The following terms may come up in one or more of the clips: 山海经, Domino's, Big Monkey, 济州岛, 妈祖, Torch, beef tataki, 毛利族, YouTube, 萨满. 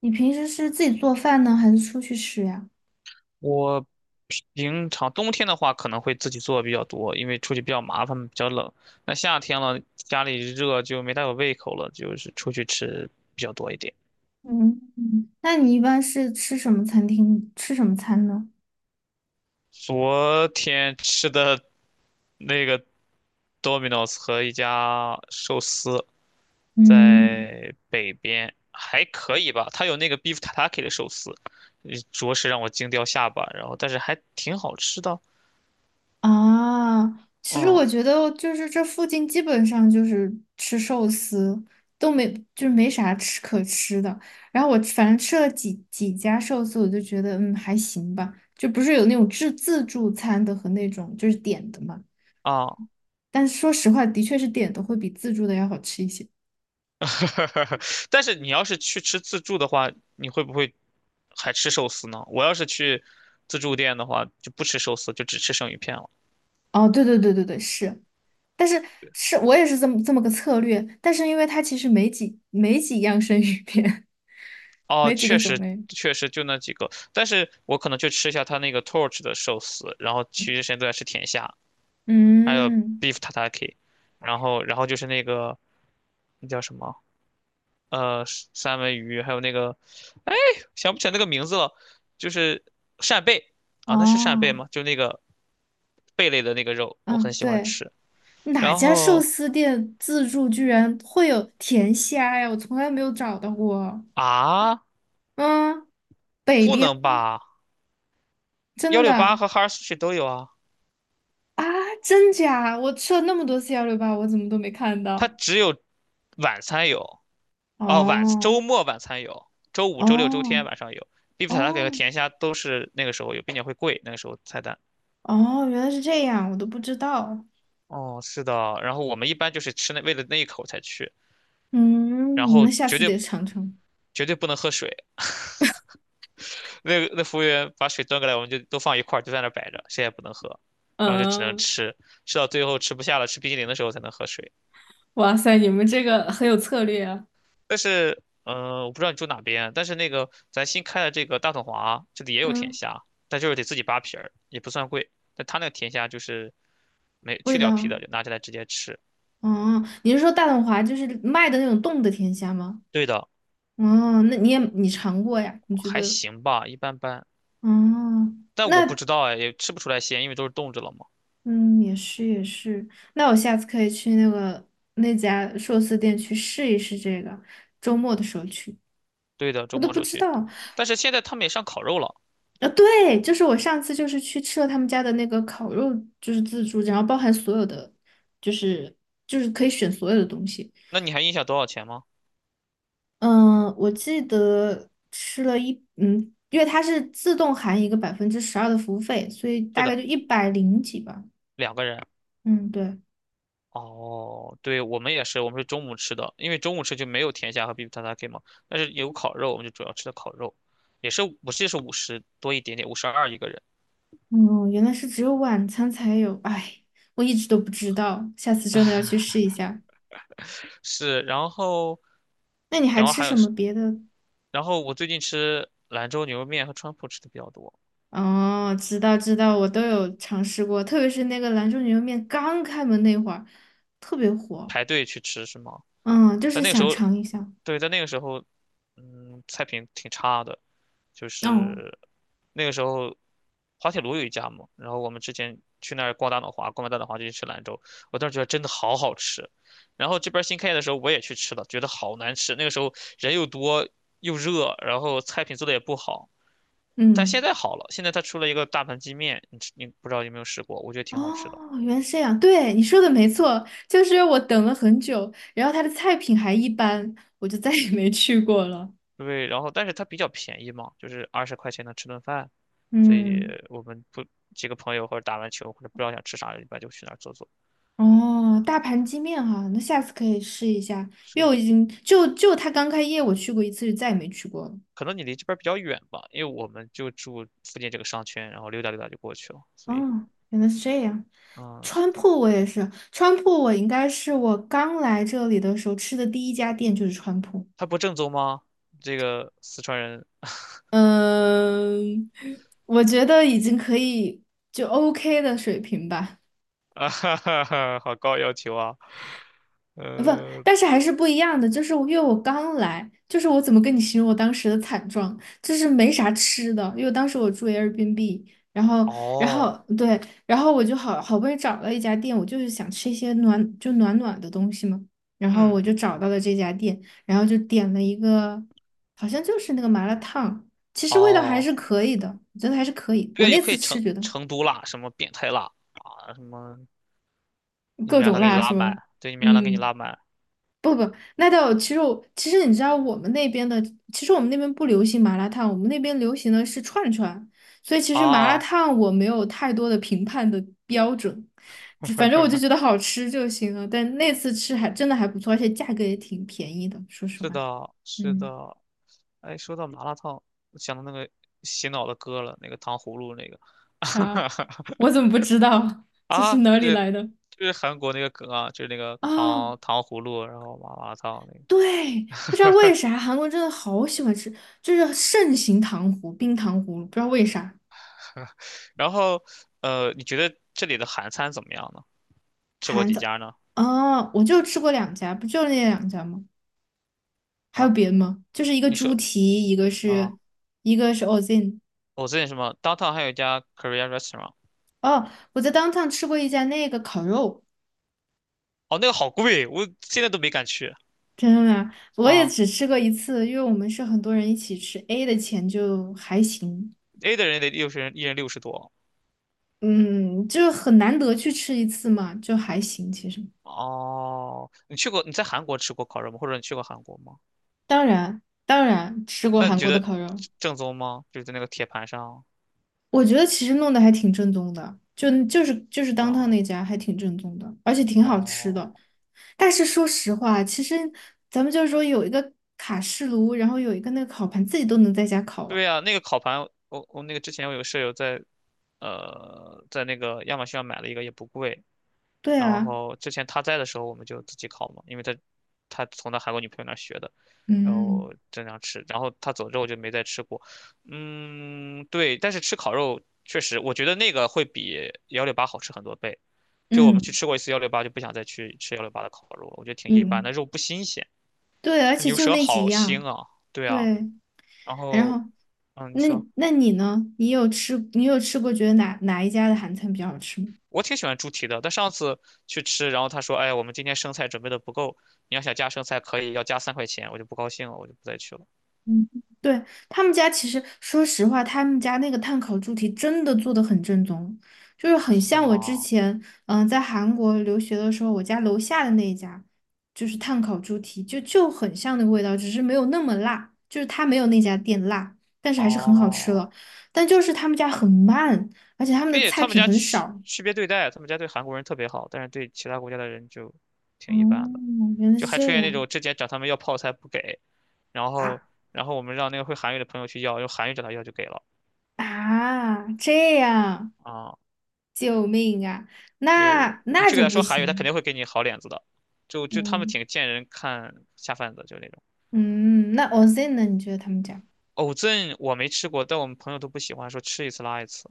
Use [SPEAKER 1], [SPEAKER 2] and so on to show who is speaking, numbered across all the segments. [SPEAKER 1] 你平时是自己做饭呢，还是出去吃呀？
[SPEAKER 2] 我平常冬天的话可能会自己做比较多，因为出去比较麻烦，比较冷。那夏天了，家里热就没大有胃口了，就是出去吃比较多一点。
[SPEAKER 1] 嗯嗯，那你一般是吃什么餐厅，吃什么餐呢？
[SPEAKER 2] 昨天吃的那个 Domino's 和一家寿司
[SPEAKER 1] 嗯
[SPEAKER 2] 在北边还可以吧，它有那个 beef tataki 的寿司，着实让我惊掉下巴，然后但是还挺好吃的。
[SPEAKER 1] 啊，其实
[SPEAKER 2] 嗯
[SPEAKER 1] 我觉得就是这附近基本上就是吃寿司，都没就是没啥吃可吃的。然后我反正吃了几家寿司，我就觉得还行吧，就不是有那种自助餐的和那种就是点的嘛。
[SPEAKER 2] 啊，
[SPEAKER 1] 但是说实话，的确是点的会比自助的要好吃一些。
[SPEAKER 2] 但是你要是去吃自助的话，你会不会还吃寿司呢？我要是去自助店的话，就不吃寿司，就只吃生鱼片了。
[SPEAKER 1] 哦，对对对对对，是。但是是我也是这么个策略，但是因为它其实没几样生鱼片，
[SPEAKER 2] 哦，
[SPEAKER 1] 没几个
[SPEAKER 2] 确
[SPEAKER 1] 种
[SPEAKER 2] 实
[SPEAKER 1] 类。
[SPEAKER 2] 确实就那几个，但是我可能就吃一下他那个 Torch 的寿司，然后其余时间都在吃甜虾，还有
[SPEAKER 1] 嗯，
[SPEAKER 2] beef tataki，然后就是那个那叫什么呃三文鱼，还有那个，哎，想不起来那个名字了，就是扇贝啊，那是扇贝
[SPEAKER 1] 哦，
[SPEAKER 2] 吗？就那个贝类的那个肉，我
[SPEAKER 1] 嗯，
[SPEAKER 2] 很喜欢
[SPEAKER 1] 对，
[SPEAKER 2] 吃。
[SPEAKER 1] 哪
[SPEAKER 2] 然
[SPEAKER 1] 家寿
[SPEAKER 2] 后
[SPEAKER 1] 司店自助居然会有甜虾呀？我从来没有找到过。
[SPEAKER 2] 啊，
[SPEAKER 1] 嗯，北
[SPEAKER 2] 不
[SPEAKER 1] 边
[SPEAKER 2] 能吧？幺
[SPEAKER 1] 真
[SPEAKER 2] 六八
[SPEAKER 1] 的
[SPEAKER 2] 和哈尔苏去都有啊，
[SPEAKER 1] 啊，真假？我吃了那么多次幺六八，我怎么都没看
[SPEAKER 2] 它
[SPEAKER 1] 到？
[SPEAKER 2] 只有晚餐有哦，晚
[SPEAKER 1] 哦
[SPEAKER 2] 周末晚餐有，周五、周六、周天
[SPEAKER 1] 哦
[SPEAKER 2] 晚上有。必比塔塔给和
[SPEAKER 1] 哦
[SPEAKER 2] 甜虾都是那个时候有，并且会贵，那个时候菜单。
[SPEAKER 1] 哦，原来是这样，我都不知道。
[SPEAKER 2] 哦，是的，然后我们一般就是吃那为了那一口才去，然
[SPEAKER 1] 嗯，
[SPEAKER 2] 后
[SPEAKER 1] 那下
[SPEAKER 2] 绝
[SPEAKER 1] 次得
[SPEAKER 2] 对
[SPEAKER 1] 尝尝。
[SPEAKER 2] 绝对不能喝水。那服务员把水端过来，我们就都放一块儿，就在那儿摆着，谁也不能喝，然后就只能
[SPEAKER 1] 嗯，
[SPEAKER 2] 吃，吃到最后吃不下了，吃冰淇淋的时候才能喝水。
[SPEAKER 1] 哇塞，你们这个很有策略啊。
[SPEAKER 2] 但是，我不知道你住哪边，但是那个咱新开的这个大统华这里也有甜
[SPEAKER 1] 嗯，
[SPEAKER 2] 虾，但就是得自己扒皮儿，也不算贵。但他那个甜虾就是没去
[SPEAKER 1] 味
[SPEAKER 2] 掉皮
[SPEAKER 1] 道，
[SPEAKER 2] 的，就拿起来直接吃。
[SPEAKER 1] 哦，你是说大董华就是卖的那种冻的甜虾吗？
[SPEAKER 2] 对的，
[SPEAKER 1] 哦，那你尝过呀？你觉
[SPEAKER 2] 还
[SPEAKER 1] 得？
[SPEAKER 2] 行吧，一般般。
[SPEAKER 1] 哦，
[SPEAKER 2] 但我不
[SPEAKER 1] 那
[SPEAKER 2] 知道哎，也吃不出来鲜，因为都是冻着了嘛。
[SPEAKER 1] 嗯，也是也是，那我下次可以去那家寿司店去试一试这个，周末的时候去，
[SPEAKER 2] 对的，周
[SPEAKER 1] 我都
[SPEAKER 2] 末时
[SPEAKER 1] 不
[SPEAKER 2] 候
[SPEAKER 1] 知
[SPEAKER 2] 去，
[SPEAKER 1] 道，
[SPEAKER 2] 但是现在他们也上烤肉了，
[SPEAKER 1] 啊，对，就是我上次就是去吃了他们家的那个烤肉，就是自助，然后包含所有的，就是就是可以选所有的东西。
[SPEAKER 2] 那你还印象多少钱吗？
[SPEAKER 1] 嗯，我记得吃了因为它是自动含一个百分之十二的服务费，所以
[SPEAKER 2] 是
[SPEAKER 1] 大概
[SPEAKER 2] 的，
[SPEAKER 1] 就一百零几吧。
[SPEAKER 2] 2个人。
[SPEAKER 1] 嗯，对，
[SPEAKER 2] 哦，对，我们也是，我们是中午吃的，因为中午吃就没有甜虾和 beef t a t a k 嘛，但是有烤肉，我们就主要吃的烤肉，也是我记得是50多一点点，52一个人。
[SPEAKER 1] 嗯，原来是只有晚餐才有，哎，我一直都不知道，下次真的要去试一下。
[SPEAKER 2] 是，然后，
[SPEAKER 1] 那你还
[SPEAKER 2] 然后
[SPEAKER 1] 吃
[SPEAKER 2] 还有
[SPEAKER 1] 什么
[SPEAKER 2] 是，
[SPEAKER 1] 别的？
[SPEAKER 2] 然后我最近吃兰州牛肉面和川普吃的比较多，
[SPEAKER 1] 哦，知道知道，我都有尝试过，特别是那个兰州牛肉面刚开门那会儿，特别火。
[SPEAKER 2] 排队去吃是吗？
[SPEAKER 1] 嗯，就
[SPEAKER 2] 在
[SPEAKER 1] 是
[SPEAKER 2] 那个时
[SPEAKER 1] 想
[SPEAKER 2] 候，
[SPEAKER 1] 尝一下。
[SPEAKER 2] 对，在那个时候，嗯，菜品挺差的，就
[SPEAKER 1] 哦，
[SPEAKER 2] 是那个时候滑铁卢有一家嘛，然后我们之前去那儿逛大脑滑，逛完大脑滑就去吃兰州，我当时觉得真的好好吃。然后这边新开业的时候我也去吃了，觉得好难吃。那个时候人又多又热，然后菜品做的也不好。但现
[SPEAKER 1] 嗯，
[SPEAKER 2] 在好了，现在它出了一个大盘鸡面，你不知道有没有试过？我觉得挺好吃的。
[SPEAKER 1] 哦，原来是这样。对，你说的没错，就是我等了很久，然后它的菜品还一般，我就再也没去过了。
[SPEAKER 2] 对，然后但是它比较便宜嘛，就是20块钱能吃顿饭，所以
[SPEAKER 1] 嗯，
[SPEAKER 2] 我们不几个朋友或者打完球或者不知道想吃啥，一般就去那儿坐坐。
[SPEAKER 1] 哦，大盘鸡面哈，那下次可以试一下，因为
[SPEAKER 2] 是
[SPEAKER 1] 我已经就它刚开业我去过一次，就再也没去过了。
[SPEAKER 2] 可能你离这边儿比较远吧，因为我们就住附近这个商圈，然后溜达溜达就过去了。所以，
[SPEAKER 1] 哦，原来是这样。
[SPEAKER 2] 嗯，是
[SPEAKER 1] 川
[SPEAKER 2] 的，
[SPEAKER 1] 铺我也是，川铺我应该是我刚来这里的时候吃的第一家店就是川铺。
[SPEAKER 2] 他不正宗吗？这个四川人
[SPEAKER 1] 嗯，我觉得已经可以就 OK 的水平吧。
[SPEAKER 2] 啊，哈哈哈，好高要求啊。
[SPEAKER 1] 不，
[SPEAKER 2] 呃，
[SPEAKER 1] 但是还是不一样的。就是我因为我刚来，就是我怎么跟你形容我当时的惨状，就是没啥吃的，因为当时我住 Airbnb，然后，
[SPEAKER 2] 哦，
[SPEAKER 1] 对，然后我就好不容易找到一家店，我就是想吃一些暖暖的东西嘛，然后我
[SPEAKER 2] 嗯，
[SPEAKER 1] 就找到了这家店，然后就点了一个，好像就是那个麻辣烫，其实味道还
[SPEAKER 2] 哦，
[SPEAKER 1] 是可以的，我觉得还是可以。我
[SPEAKER 2] 对，也
[SPEAKER 1] 那
[SPEAKER 2] 可
[SPEAKER 1] 次
[SPEAKER 2] 以
[SPEAKER 1] 吃觉得
[SPEAKER 2] 成都辣，什么变态辣啊，什么你
[SPEAKER 1] 各
[SPEAKER 2] 们让
[SPEAKER 1] 种
[SPEAKER 2] 他给你
[SPEAKER 1] 辣
[SPEAKER 2] 拉
[SPEAKER 1] 是
[SPEAKER 2] 满，
[SPEAKER 1] 吗？
[SPEAKER 2] 对，你们让他给你
[SPEAKER 1] 嗯。
[SPEAKER 2] 拉满
[SPEAKER 1] 不不，那倒其实其实你知道我们那边的，其实我们那边不流行麻辣烫，我们那边流行的是串串，所以其实麻辣
[SPEAKER 2] 啊，
[SPEAKER 1] 烫我没有太多的评判的标准，就反正我就觉得好吃就行了。但那次吃还真的还不错，而且价格也挺便宜的，说实
[SPEAKER 2] 是
[SPEAKER 1] 话。
[SPEAKER 2] 的，是
[SPEAKER 1] 嗯，
[SPEAKER 2] 的。哎，说到麻辣烫，我想到那个洗脑的歌了，那个糖葫芦那个。
[SPEAKER 1] 啥？我怎么不知道？这是
[SPEAKER 2] 啊，
[SPEAKER 1] 哪里
[SPEAKER 2] 这
[SPEAKER 1] 来的？
[SPEAKER 2] 就是韩国那个梗啊，就是那个
[SPEAKER 1] 哦，
[SPEAKER 2] 糖葫芦，然后麻辣烫那个。
[SPEAKER 1] 对，不知道为 啥韩国真的好喜欢吃，就是盛行冰糖葫芦，不知道为啥。
[SPEAKER 2] 然后，你觉得这里的韩餐怎么样呢？吃过
[SPEAKER 1] 韩
[SPEAKER 2] 几
[SPEAKER 1] 早，
[SPEAKER 2] 家呢？
[SPEAKER 1] 哦，我就吃过两家，不就那两家吗？还有
[SPEAKER 2] 啊，
[SPEAKER 1] 别的吗？就是一个
[SPEAKER 2] 你
[SPEAKER 1] 猪
[SPEAKER 2] 说
[SPEAKER 1] 蹄，
[SPEAKER 2] 啊，
[SPEAKER 1] 一个是 Ozin。
[SPEAKER 2] 我最近什么 downtown 还有一家 Korean restaurant，
[SPEAKER 1] 哦，我在当 o 吃过一家那个烤肉，
[SPEAKER 2] 哦，那个好贵，我现在都没敢去
[SPEAKER 1] 真的吗？我也
[SPEAKER 2] 啊。
[SPEAKER 1] 只吃过一次，因为我们是很多人一起吃，A 的钱就还行，
[SPEAKER 2] A 的人得60人，一人60多。
[SPEAKER 1] 嗯，就很难得去吃一次嘛，就还行。其实，
[SPEAKER 2] 哦，你去过？你在韩国吃过烤肉吗？或者你去过韩国吗？
[SPEAKER 1] 当然，当然吃过
[SPEAKER 2] 那你
[SPEAKER 1] 韩
[SPEAKER 2] 觉
[SPEAKER 1] 国的
[SPEAKER 2] 得
[SPEAKER 1] 烤肉。
[SPEAKER 2] 正宗吗？就是在那个铁盘上
[SPEAKER 1] 我觉得其实弄得还挺正宗的，就是当趟
[SPEAKER 2] 啊？
[SPEAKER 1] 那家还挺正宗的，而且挺好吃的。
[SPEAKER 2] 哦，
[SPEAKER 1] 但是说实话，其实咱们就是说有一个卡式炉，然后有一个那个烤盘，自己都能在家烤啊。
[SPEAKER 2] 对呀、那个烤盘，我那个之前我有个舍友在那个亚马逊上买了一个，也不贵。
[SPEAKER 1] 对
[SPEAKER 2] 然
[SPEAKER 1] 啊，
[SPEAKER 2] 后之前他在的时候，我们就自己烤嘛，因为他从他韩国女朋友那儿学的，然后
[SPEAKER 1] 嗯
[SPEAKER 2] 经常吃。然后他走之后就没再吃过。嗯，对，但是吃烤肉确实，我觉得那个会比幺六八好吃很多倍。就我们去
[SPEAKER 1] 嗯
[SPEAKER 2] 吃过一次幺六八，就不想再去吃幺六八的烤肉了，我觉得挺一般的，
[SPEAKER 1] 嗯，
[SPEAKER 2] 肉不新鲜，
[SPEAKER 1] 对，而且
[SPEAKER 2] 牛
[SPEAKER 1] 就
[SPEAKER 2] 舌
[SPEAKER 1] 那几
[SPEAKER 2] 好
[SPEAKER 1] 样，
[SPEAKER 2] 腥啊。对啊，
[SPEAKER 1] 对。
[SPEAKER 2] 然
[SPEAKER 1] 然
[SPEAKER 2] 后
[SPEAKER 1] 后，
[SPEAKER 2] 嗯，你
[SPEAKER 1] 那
[SPEAKER 2] 说。
[SPEAKER 1] 那你呢？你有吃过觉得哪一家的韩餐比较好吃吗？
[SPEAKER 2] 我挺喜欢猪蹄的，但上次去吃，然后他说："哎，我们今天生菜准备的不够，你要想加生菜可以，要加3块钱。"我就不高兴了，我就不再去了。
[SPEAKER 1] 嗯，对，他们家其实，说实话，他们家那个碳烤猪蹄真的做的很正宗，就是很
[SPEAKER 2] 是
[SPEAKER 1] 像我之
[SPEAKER 2] 吗？
[SPEAKER 1] 前，在韩国留学的时候，我家楼下的那一家，就是碳烤猪蹄，就很像那个味道，只是没有那么辣，就是它没有那家店辣，但是还是很好吃
[SPEAKER 2] 哦，
[SPEAKER 1] 了。但就是他们家很慢，而且他们的
[SPEAKER 2] 并且
[SPEAKER 1] 菜
[SPEAKER 2] 他们
[SPEAKER 1] 品
[SPEAKER 2] 家
[SPEAKER 1] 很少。
[SPEAKER 2] 区别对待，他们家对韩国人特别好，但是对其他国家的人就
[SPEAKER 1] 哦，
[SPEAKER 2] 挺一般的，
[SPEAKER 1] 原来
[SPEAKER 2] 就
[SPEAKER 1] 是
[SPEAKER 2] 还出
[SPEAKER 1] 这
[SPEAKER 2] 现那
[SPEAKER 1] 样
[SPEAKER 2] 种之前找他们要泡菜不给，然后
[SPEAKER 1] 啊
[SPEAKER 2] 然后我们让那个会韩语的朋友去要，用韩语找他要就给了
[SPEAKER 1] 啊，这样，
[SPEAKER 2] 啊，
[SPEAKER 1] 救命啊！那
[SPEAKER 2] 你
[SPEAKER 1] 那
[SPEAKER 2] 去给
[SPEAKER 1] 就
[SPEAKER 2] 他
[SPEAKER 1] 不
[SPEAKER 2] 说韩语，他肯
[SPEAKER 1] 行。
[SPEAKER 2] 定会给你好脸子的，就他们
[SPEAKER 1] 嗯。
[SPEAKER 2] 挺见人看下饭的，就那种。
[SPEAKER 1] 嗯，那 OZ n 呢？你觉得他们家
[SPEAKER 2] 藕镇我没吃过，但我们朋友都不喜欢，说吃一次拉一次。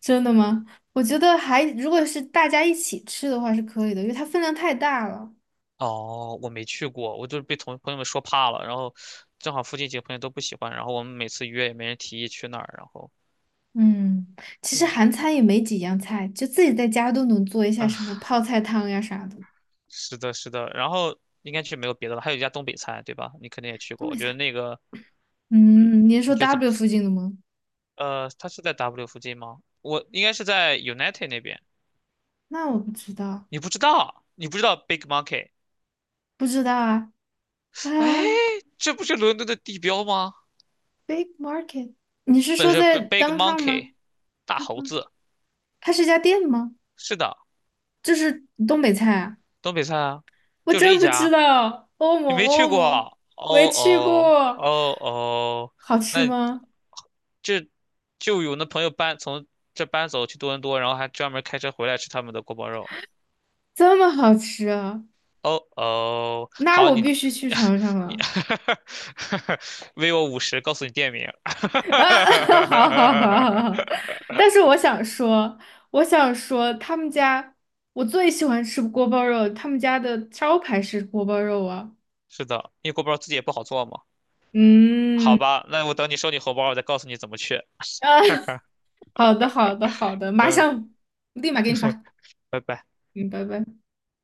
[SPEAKER 1] 真的吗？我觉得还，如果是大家一起吃的话是可以的，因为它分量太大了。
[SPEAKER 2] 哦，我没去过，我就是被同朋友们说怕了，然后正好附近几个朋友都不喜欢，然后我们每次约也没人提议去那儿，然后
[SPEAKER 1] 嗯，其实
[SPEAKER 2] 嗯
[SPEAKER 1] 韩餐也没几样菜，就自己在家都能做一下
[SPEAKER 2] 啊，
[SPEAKER 1] 什么泡菜汤呀啥的，
[SPEAKER 2] 是的，是的，然后应该去没有别的了，还有一家东北菜，对吧？你肯定也去
[SPEAKER 1] 都
[SPEAKER 2] 过，我
[SPEAKER 1] 没
[SPEAKER 2] 觉得
[SPEAKER 1] 啥。
[SPEAKER 2] 那个嗯，
[SPEAKER 1] 嗯，你是
[SPEAKER 2] 你
[SPEAKER 1] 说
[SPEAKER 2] 觉得怎么？
[SPEAKER 1] W 附近的吗？
[SPEAKER 2] 它是在 W 附近吗？我应该是在 United 那边，
[SPEAKER 1] 那我不知道，
[SPEAKER 2] 你不知道，你不知道 Big Monkey，
[SPEAKER 1] 不知道啊。啊
[SPEAKER 2] 哎，这不是伦敦的地标吗？
[SPEAKER 1] ，Big Market，你是
[SPEAKER 2] 不
[SPEAKER 1] 说
[SPEAKER 2] 是
[SPEAKER 1] 在
[SPEAKER 2] Big
[SPEAKER 1] downtown 吗
[SPEAKER 2] Monkey 大
[SPEAKER 1] ？Big
[SPEAKER 2] 猴
[SPEAKER 1] Market，
[SPEAKER 2] 子。
[SPEAKER 1] 它是一家店吗？
[SPEAKER 2] 是的，
[SPEAKER 1] 就是东北菜啊。
[SPEAKER 2] 东北菜啊，
[SPEAKER 1] 我
[SPEAKER 2] 就这一
[SPEAKER 1] 真不知
[SPEAKER 2] 家，
[SPEAKER 1] 道，欧
[SPEAKER 2] 你
[SPEAKER 1] 盟
[SPEAKER 2] 没去
[SPEAKER 1] 欧盟
[SPEAKER 2] 过？哦
[SPEAKER 1] 没去
[SPEAKER 2] 哦
[SPEAKER 1] 过，
[SPEAKER 2] 哦哦，
[SPEAKER 1] 好
[SPEAKER 2] 那
[SPEAKER 1] 吃吗？
[SPEAKER 2] 这就有那朋友从这搬走去多伦多，然后还专门开车回来吃他们的锅包肉。
[SPEAKER 1] 这么好吃啊？
[SPEAKER 2] 哦哦，
[SPEAKER 1] 那
[SPEAKER 2] 好，
[SPEAKER 1] 我
[SPEAKER 2] 你
[SPEAKER 1] 必须去尝 尝
[SPEAKER 2] 你
[SPEAKER 1] 了。
[SPEAKER 2] 微我50，告诉你店名。
[SPEAKER 1] 啊，好好好好好。但是我想说，他们家我最喜欢吃锅包肉，他们家的招牌是锅包肉啊。
[SPEAKER 2] 是的，因为锅包肉自己也不好做嘛。好
[SPEAKER 1] 嗯，
[SPEAKER 2] 吧，那我等你收你红包，我再告诉你怎么去。
[SPEAKER 1] 啊，好的好的好的，
[SPEAKER 2] 嗯，
[SPEAKER 1] 立马给你 发。
[SPEAKER 2] 拜拜。
[SPEAKER 1] 嗯，拜拜。